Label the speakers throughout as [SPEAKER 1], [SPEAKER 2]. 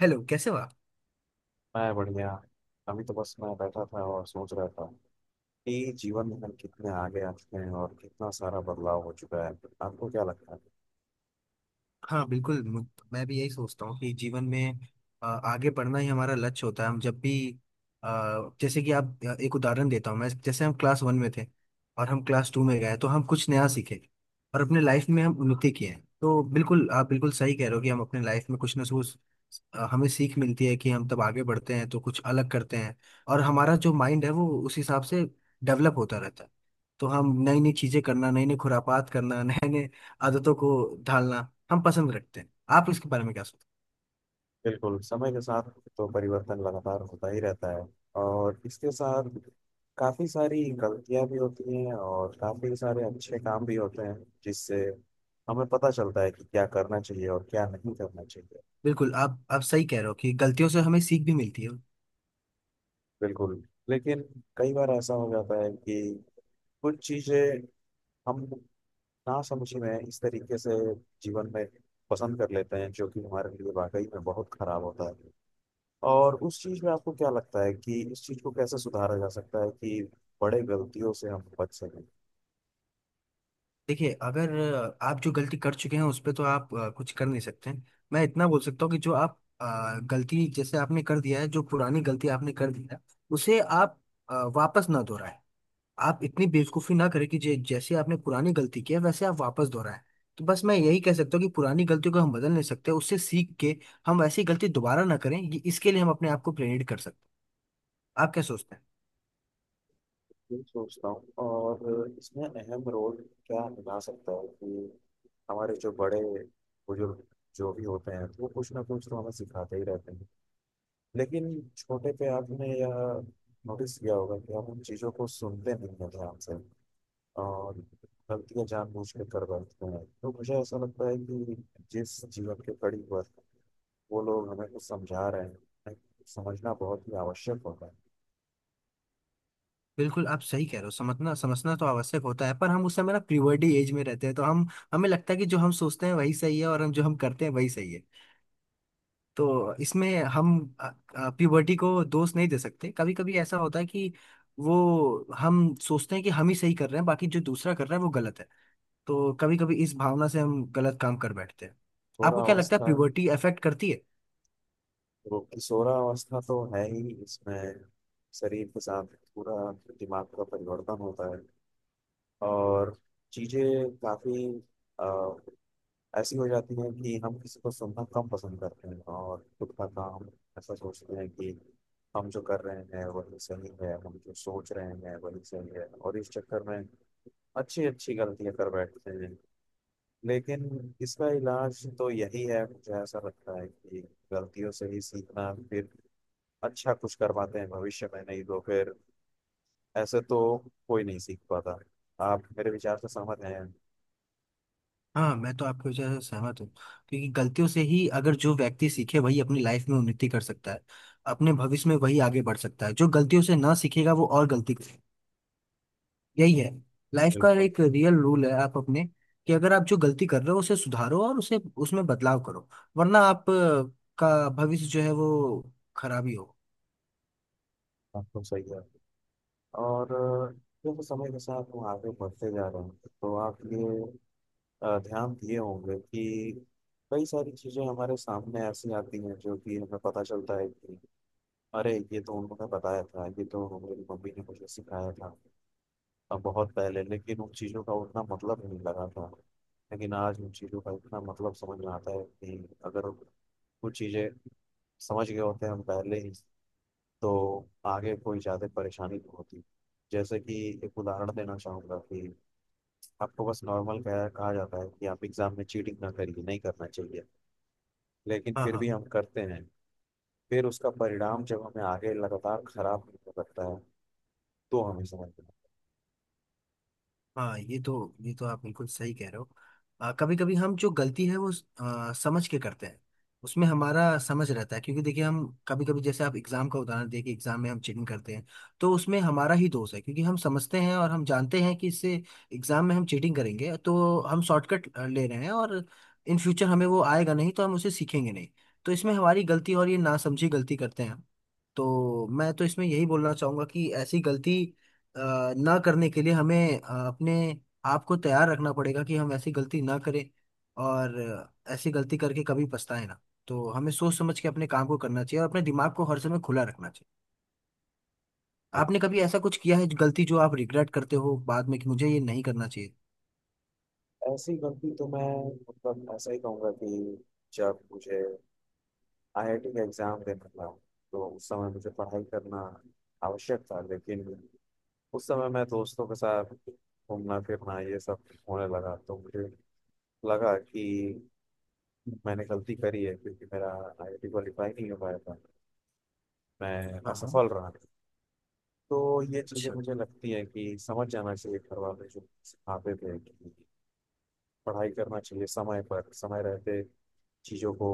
[SPEAKER 1] Hello, कैसे हो आप।
[SPEAKER 2] मैं बढ़िया। अभी तो बस मैं बैठा था और सोच रहा था कि जीवन में हम कितने आगे आ चुके हैं और कितना सारा बदलाव हो चुका है। आपको क्या लगता है?
[SPEAKER 1] हाँ, बिल्कुल। मैं भी यही सोचता हूँ कि जीवन में आगे बढ़ना ही हमारा लक्ष्य होता है। हम जब भी अ, जैसे कि आप, एक उदाहरण देता हूँ मैं। जैसे हम क्लास वन में थे और हम क्लास टू में गए, तो हम कुछ नया सीखे और अपने लाइफ में हम उन्नति किए हैं। तो बिल्कुल, आप बिल्कुल सही कह रहे हो कि हम अपने लाइफ में कुछ ना कुछ, हमें सीख मिलती है कि हम तब आगे बढ़ते हैं तो कुछ अलग करते हैं। और हमारा जो माइंड है वो उस हिसाब से डेवलप होता रहता है। तो हम नई नई चीजें करना, नई नई खुरापात करना नए नए आदतों को ढालना हम पसंद रखते हैं। आप इसके बारे में क्या सोचते हैं।
[SPEAKER 2] बिल्कुल, समय के साथ तो परिवर्तन लगातार होता ही रहता है और इसके साथ काफ़ी सारी गलतियां भी होती हैं और काफ़ी सारे अच्छे काम भी होते हैं, जिससे हमें पता चलता है कि क्या करना चाहिए और क्या नहीं करना चाहिए।
[SPEAKER 1] बिल्कुल, आप सही कह रहे हो कि गलतियों से हमें सीख भी मिलती है।
[SPEAKER 2] बिल्कुल। लेकिन कई बार ऐसा हो जाता है कि कुछ चीज़ें हम ना समझी में इस तरीके से जीवन में पसंद कर लेते हैं जो कि हमारे लिए वाकई में बहुत खराब होता है। और उस चीज में आपको क्या लगता है कि इस चीज को कैसे सुधारा जा सकता है कि बड़े गलतियों से हम बच सकें?
[SPEAKER 1] देखिए, अगर आप जो गलती कर चुके हैं उस पर तो आप कुछ कर नहीं सकते हैं। मैं इतना बोल सकता हूँ कि जो आप गलती, जैसे आपने कर दिया है, जो पुरानी गलती आपने कर दी है, उसे आप वापस ना दोहराएं। आप इतनी बेवकूफी ना करें कि जैसे आपने पुरानी गलती की है वैसे आप वापस दोहराएं। तो बस मैं यही कह सकता हूँ कि पुरानी गलतियों को हम बदल नहीं सकते, उससे सीख के हम वैसी गलती दोबारा ना करें, ये इसके लिए हम अपने आप को प्रेरित कर सकते हैं। आप क्या सोचते हैं।
[SPEAKER 2] ये सोचता हूँ, और इसमें अहम रोल क्या निभा सकता है कि हमारे जो बड़े बुजुर्ग जो भी होते हैं वो कुछ ना कुछ तो हमें सिखाते ही रहते हैं। लेकिन छोटे पे आपने यह नोटिस किया होगा कि हम उन चीज़ों को सुनते नहीं हैं ध्यान से, और गलतियाँ जानबूझ के कर बैठते हैं। तो मुझे ऐसा लगता है कि जिस जीवन के कड़ी पर वो लोग हमें कुछ समझा रहे हैं, हमें समझना बहुत ही आवश्यक होता है।
[SPEAKER 1] बिल्कुल, आप सही कह रहे हो। समझना समझना तो आवश्यक होता है, पर हम उस समय ना प्रीवर्टी एज में रहते हैं, तो हम, हमें लगता है कि जो हम सोचते हैं वही सही है और हम जो हम करते हैं वही सही है। तो इसमें हम प्रीवर्टी को दोष नहीं दे सकते। कभी कभी ऐसा होता है कि वो हम सोचते हैं कि हम ही सही कर रहे हैं, बाकी जो दूसरा कर रहा है वो गलत है। तो कभी कभी इस भावना से हम गलत काम कर बैठते हैं।
[SPEAKER 2] सोरा
[SPEAKER 1] आपको क्या लगता है
[SPEAKER 2] अवस्था।
[SPEAKER 1] प्यूबर्टी अफेक्ट करती है।
[SPEAKER 2] सोरा अवस्था तो है ही इसमें। शरीर के साथ पूरा दिमाग का परिवर्तन होता है, और चीजें काफी ऐसी हो जाती है कि हम किसी को सुनना कम पसंद करते हैं और खुद का काम ऐसा सोचते हैं कि हम जो कर रहे हैं वही सही है, हम जो सोच रहे हैं वही सही है। और इस चक्कर में अच्छी अच्छी गलतियां कर बैठते हैं। लेकिन इसका इलाज तो यही है, मुझे ऐसा लगता है कि गलतियों से ही सीखना, फिर अच्छा कुछ कर पाते हैं भविष्य में, नहीं तो फिर ऐसे तो कोई नहीं सीख पाता। आप मेरे विचार से सहमत हैं?
[SPEAKER 1] हाँ, मैं तो आपके वजह से सहमत हूँ। क्योंकि गलतियों से ही अगर जो व्यक्ति सीखे वही अपनी लाइफ में उन्नति कर सकता है। अपने भविष्य में वही आगे बढ़ सकता है। जो गलतियों से ना सीखेगा वो और गलती करेगा। यही है लाइफ का
[SPEAKER 2] बिल्कुल।
[SPEAKER 1] एक रियल रूल है। आप अपने, कि अगर आप जो गलती कर रहे हो उसे सुधारो और उसे, उसमें बदलाव करो। वरना आप का भविष्य जो है वो खराब ही हो।
[SPEAKER 2] आपको सही है। और देखो, समय के साथ हम आगे बढ़ते जा रहे हैं, तो आप ये ध्यान दिए होंगे कि कई सारी चीज़ें हमारे सामने ऐसी आती हैं जो कि हमें पता चलता है कि अरे, ये तो उन्होंने बताया था, ये तो हमारी मम्मी ने मुझे सिखाया था बहुत पहले, लेकिन उन चीज़ों का उतना मतलब नहीं लगा था। लेकिन आज उन चीज़ों का इतना मतलब समझ में आता है कि अगर कुछ चीज़ें समझ गए होते हैं हम पहले ही, तो आगे कोई ज़्यादा परेशानी नहीं होती। जैसे कि एक उदाहरण देना चाहूँगा कि आपको बस नॉर्मल कहा कहा जाता है कि आप एग्ज़ाम में चीटिंग ना करिए, नहीं करना चाहिए। लेकिन
[SPEAKER 1] हाँ,
[SPEAKER 2] फिर
[SPEAKER 1] हाँ।
[SPEAKER 2] भी हम करते हैं। फिर उसका परिणाम जब हमें आगे लगातार खराब होने लगता है, तो हमें समझना है।
[SPEAKER 1] हाँ, ये तो, ये तो आप बिल्कुल सही कह रहे हो। कभी कभी हम जो गलती है वो समझ के करते हैं। उसमें हमारा समझ रहता है, क्योंकि देखिए हम कभी कभी, जैसे आप एग्जाम का उदाहरण देखिए, एग्जाम में हम चीटिंग करते हैं, तो उसमें हमारा ही दोष है क्योंकि हम समझते हैं और हम जानते हैं कि इससे, एग्जाम में हम चीटिंग करेंगे तो हम शॉर्टकट ले रहे हैं और इन फ्यूचर हमें वो आएगा नहीं, तो हम उसे सीखेंगे नहीं। तो इसमें हमारी गलती, और ये नासमझी गलती करते हैं हम। तो मैं तो इसमें यही बोलना चाहूंगा कि ऐसी गलती ना करने के लिए हमें अपने आप को तैयार रखना पड़ेगा कि हम ऐसी गलती ना करें, और ऐसी गलती करके कभी पछताए ना। तो हमें सोच समझ के अपने काम को करना चाहिए और अपने दिमाग को हर समय खुला रखना चाहिए। आपने कभी ऐसा कुछ किया है गलती जो आप रिग्रेट करते हो बाद में कि मुझे ये नहीं करना चाहिए।
[SPEAKER 2] तो ऐसी गलती तो मैं, मतलब ऐसा ही कहूँगा कि जब मुझे आईआईटी का एग्ज़ाम देना था, तो उस समय मुझे पढ़ाई करना आवश्यक था। लेकिन उस समय मैं दोस्तों के साथ घूमना फिरना ये सब होने लगा, तो मुझे लगा कि मैंने गलती करी है, क्योंकि मेरा आईआईटी क्वालिफाई नहीं हो पाया था। मैं
[SPEAKER 1] हाँ, हाँ।
[SPEAKER 2] असफल रहा। तो ये चीज़ें
[SPEAKER 1] अच्छा।
[SPEAKER 2] मुझे लगती है कि समझ जाना चाहिए, घर वाले जो सिखाते थे कि पढ़ाई करना चाहिए समय पर, समय रहते चीज़ों को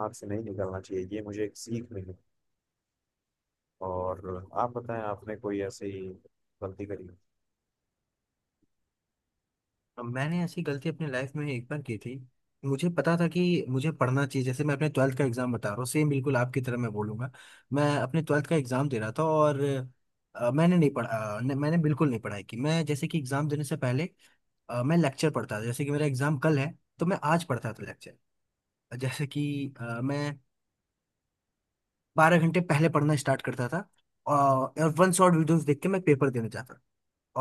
[SPEAKER 2] हाथ से नहीं निकालना चाहिए। ये मुझे एक सीख मिली। और आप बताएं, आपने कोई ऐसी गलती करी?
[SPEAKER 1] मैंने ऐसी गलती अपनी लाइफ में एक बार की थी। मुझे पता था कि मुझे पढ़ना चाहिए, जैसे मैं अपने ट्वेल्थ का एग्जाम बता रहा हूँ, सेम बिल्कुल आपकी तरह मैं बोलूंगा। मैं अपने ट्वेल्थ का एग्जाम दे रहा था और मैंने नहीं पढ़ा। मैंने बिल्कुल नहीं पढ़ाई की। मैं, जैसे कि एग्जाम देने से पहले, मैं लेक्चर पढ़ता था जैसे कि मेरा एग्जाम कल है, तो मैं आज पढ़ता था लेक्चर। जैसे कि मैं बारह घंटे पहले पढ़ना स्टार्ट करता था, और वन शॉट वीडियोस देख के मैं पेपर देने जाता था।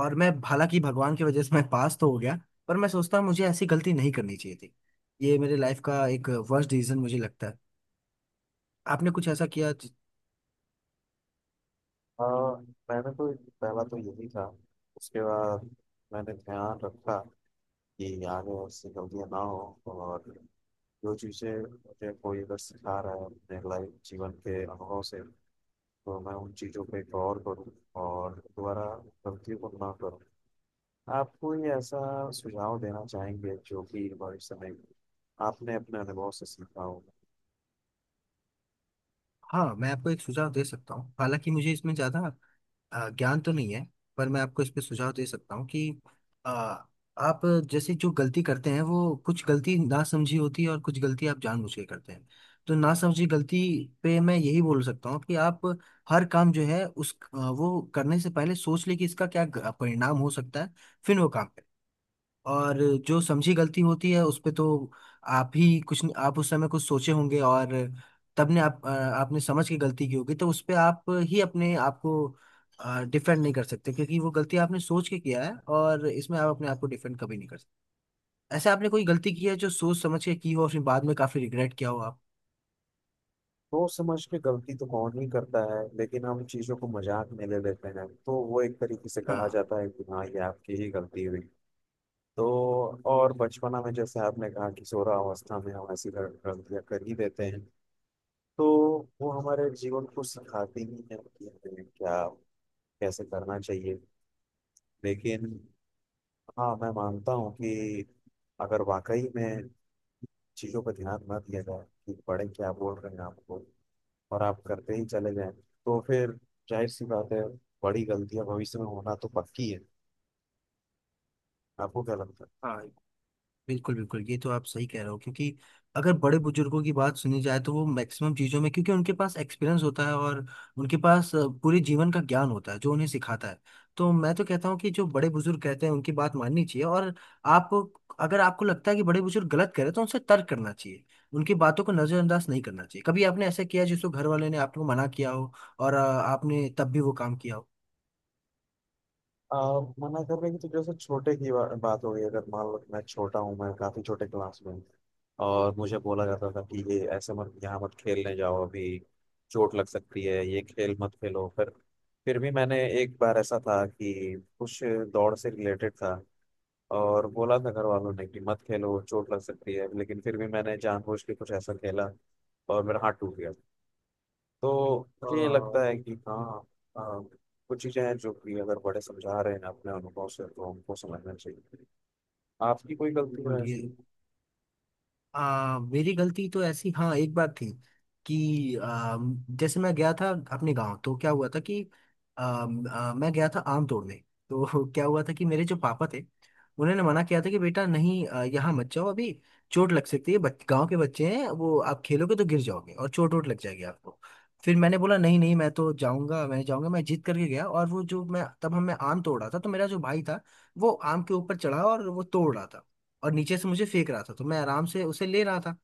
[SPEAKER 1] और मैं, हालांकि भगवान की वजह से मैं पास तो हो गया, पर मैं सोचता हूँ मुझे ऐसी गलती नहीं करनी चाहिए थी। ये मेरे लाइफ का एक वर्स्ट डिसीजन मुझे लगता है। आपने कुछ ऐसा किया
[SPEAKER 2] हाँ, मैंने तो पहला तो यही था। उसके बाद मैंने ध्यान रखा कि आगे उससे गलतियाँ ना हो, और जो चीज़ें मुझे कोई अगर सिखा रहा है अपने लाइफ जीवन के अनुभव से, तो मैं उन चीज़ों पे गौर करूँ और दोबारा गलतियों को ना करूँ। आप कोई ऐसा सुझाव देना चाहेंगे जो कि भविष्य में आपने अपने अनुभव से सीखा हो?
[SPEAKER 1] हाँ, मैं आपको एक सुझाव दे सकता हूँ। हालांकि मुझे इसमें ज्यादा ज्ञान तो नहीं है, पर मैं आपको इस पे सुझाव दे सकता हूँ कि अ, आप, जैसे जो गलती करते हैं वो कुछ गलती ना समझी होती है और कुछ गलती आप जानबूझ के करते हैं। तो ना समझी गलती पे मैं यही बोल सकता हूँ कि आप हर काम जो है उस वो करने से पहले सोच ले कि इसका क्या परिणाम हो सकता है, फिर वो काम करें। और जो समझी गलती होती है उस पे तो आप ही कुछ, आप उस समय कुछ सोचे होंगे और तब ने आप आपने समझ के गलती की होगी, तो उस पे आप ही अपने आप को डिफेंड नहीं कर सकते, क्योंकि वो गलती आपने सोच के किया है और इसमें आप अपने आप को डिफेंड कभी नहीं कर सकते। ऐसे आपने कोई गलती की है जो सोच समझ के की हो और फिर बाद में काफी रिग्रेट किया हो आप।
[SPEAKER 2] सोच समझ के गलती तो कौन ही करता है, लेकिन हम चीजों को मजाक में ले लेते हैं, तो वो एक तरीके से कहा
[SPEAKER 1] हाँ,
[SPEAKER 2] जाता है कि हाँ ये आपकी ही गलती हुई। तो और बचपना में, जैसे आपने कहा कि किशोरावस्था में हम ऐसी गलतियां कर ही देते हैं, तो वो हमारे जीवन को सिखाती ही है कि हमें क्या, कैसे करना चाहिए। लेकिन हाँ, मैं मानता हूँ कि अगर वाकई में चीजों पर ध्यान न दिया जाए कि बड़े क्या बोल रहे हैं आपको, और आप करते ही चले जाएं, तो फिर जाहिर सी बात है, बड़ी गलतियां भविष्य में होना तो पक्की है। आपको क्या लगता है?
[SPEAKER 1] हाँ। बिल्कुल, बिल्कुल, ये तो आप सही कह रहे हो। क्योंकि अगर बड़े बुजुर्गों की बात सुनी जाए तो वो मैक्सिमम चीज़ों में, क्योंकि उनके पास एक्सपीरियंस होता है और उनके पास पूरे जीवन का ज्ञान होता है जो उन्हें सिखाता है। तो मैं तो कहता हूँ कि जो बड़े बुजुर्ग कहते हैं उनकी बात माननी चाहिए। और आप, अगर आपको लगता है कि बड़े बुजुर्ग गलत कह रहे हैं तो उनसे तर्क करना चाहिए, उनकी बातों को नज़रअंदाज नहीं करना चाहिए। कभी आपने ऐसा किया जिसको घर वाले ने आपको मना किया हो और आपने तब भी वो काम किया हो।
[SPEAKER 2] आ, मना करने की तो, जैसे छोटे की बात हो गई। अगर मान लो मैं छोटा हूँ, मैं काफी छोटे क्लास में हूँ, और मुझे बोला जाता था कि ये ऐसे मत, यहाँ मत खेलने जाओ अभी, चोट लग सकती है, ये खेल मत खेलो। फिर भी मैंने, एक बार ऐसा था कि कुछ दौड़ से रिलेटेड था, और बोला था घर वालों ने कि मत खेलो, चोट लग सकती है, लेकिन फिर भी मैंने जानबूझ के कुछ ऐसा खेला, और मेरा हाथ टूट गया। तो मुझे ये
[SPEAKER 1] हाँ,
[SPEAKER 2] लगता है कि हाँ, आ, कुछ चीज़ें हैं जो कि अगर बड़े समझा रहे हैं अपने अनुभव से, तो हमको समझना चाहिए। आपकी कोई गलती
[SPEAKER 1] बिल्कुल,
[SPEAKER 2] है
[SPEAKER 1] ये
[SPEAKER 2] ऐसी?
[SPEAKER 1] मेरी गलती तो ऐसी, हाँ, एक बात थी कि जैसे मैं गया था अपने गांव। तो क्या हुआ था कि आ, आ, मैं गया था आम तोड़ने। तो क्या हुआ था कि मेरे जो पापा थे उन्होंने मना किया था कि बेटा नहीं, यहाँ मत जाओ अभी, चोट लग सकती है। गांव के बच्चे हैं वो, आप खेलोगे तो गिर जाओगे और चोट वोट लग जाएगी आपको। फिर मैंने बोला नहीं नहीं, मैं तो जाऊंगा, मैं जाऊंगा। मैं जिद करके गया और वो, जो मैं तब हम मैं आम तोड़ रहा था, तो मेरा जो भाई था वो आम के ऊपर चढ़ा और वो तोड़ रहा था और नीचे से मुझे फेंक रहा था, तो मैं आराम से उसे ले रहा था।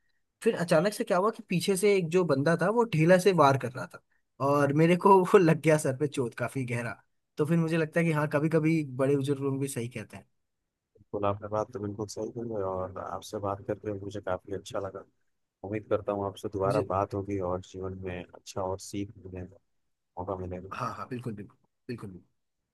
[SPEAKER 1] फिर अचानक से क्या हुआ कि पीछे से एक जो बंदा था वो ढेला से वार कर रहा था और मेरे को वो लग गया सर पे, चोट काफी गहरा। तो फिर मुझे लगता है कि हाँ, कभी कभी बड़े बुजुर्ग लोग भी सही कहते हैं।
[SPEAKER 2] बिल्कुल, आपने बात तो बिल्कुल सही की है, और आपसे बात करके मुझे काफ़ी अच्छा लगा। उम्मीद करता हूँ आपसे दोबारा
[SPEAKER 1] मुझे।
[SPEAKER 2] बात होगी और जीवन में अच्छा और सीख मिलेगा, मौका मिलेगा।
[SPEAKER 1] हाँ हाँ, बिल्कुल बिल्कुल। बिल्कुल बिल्कुल।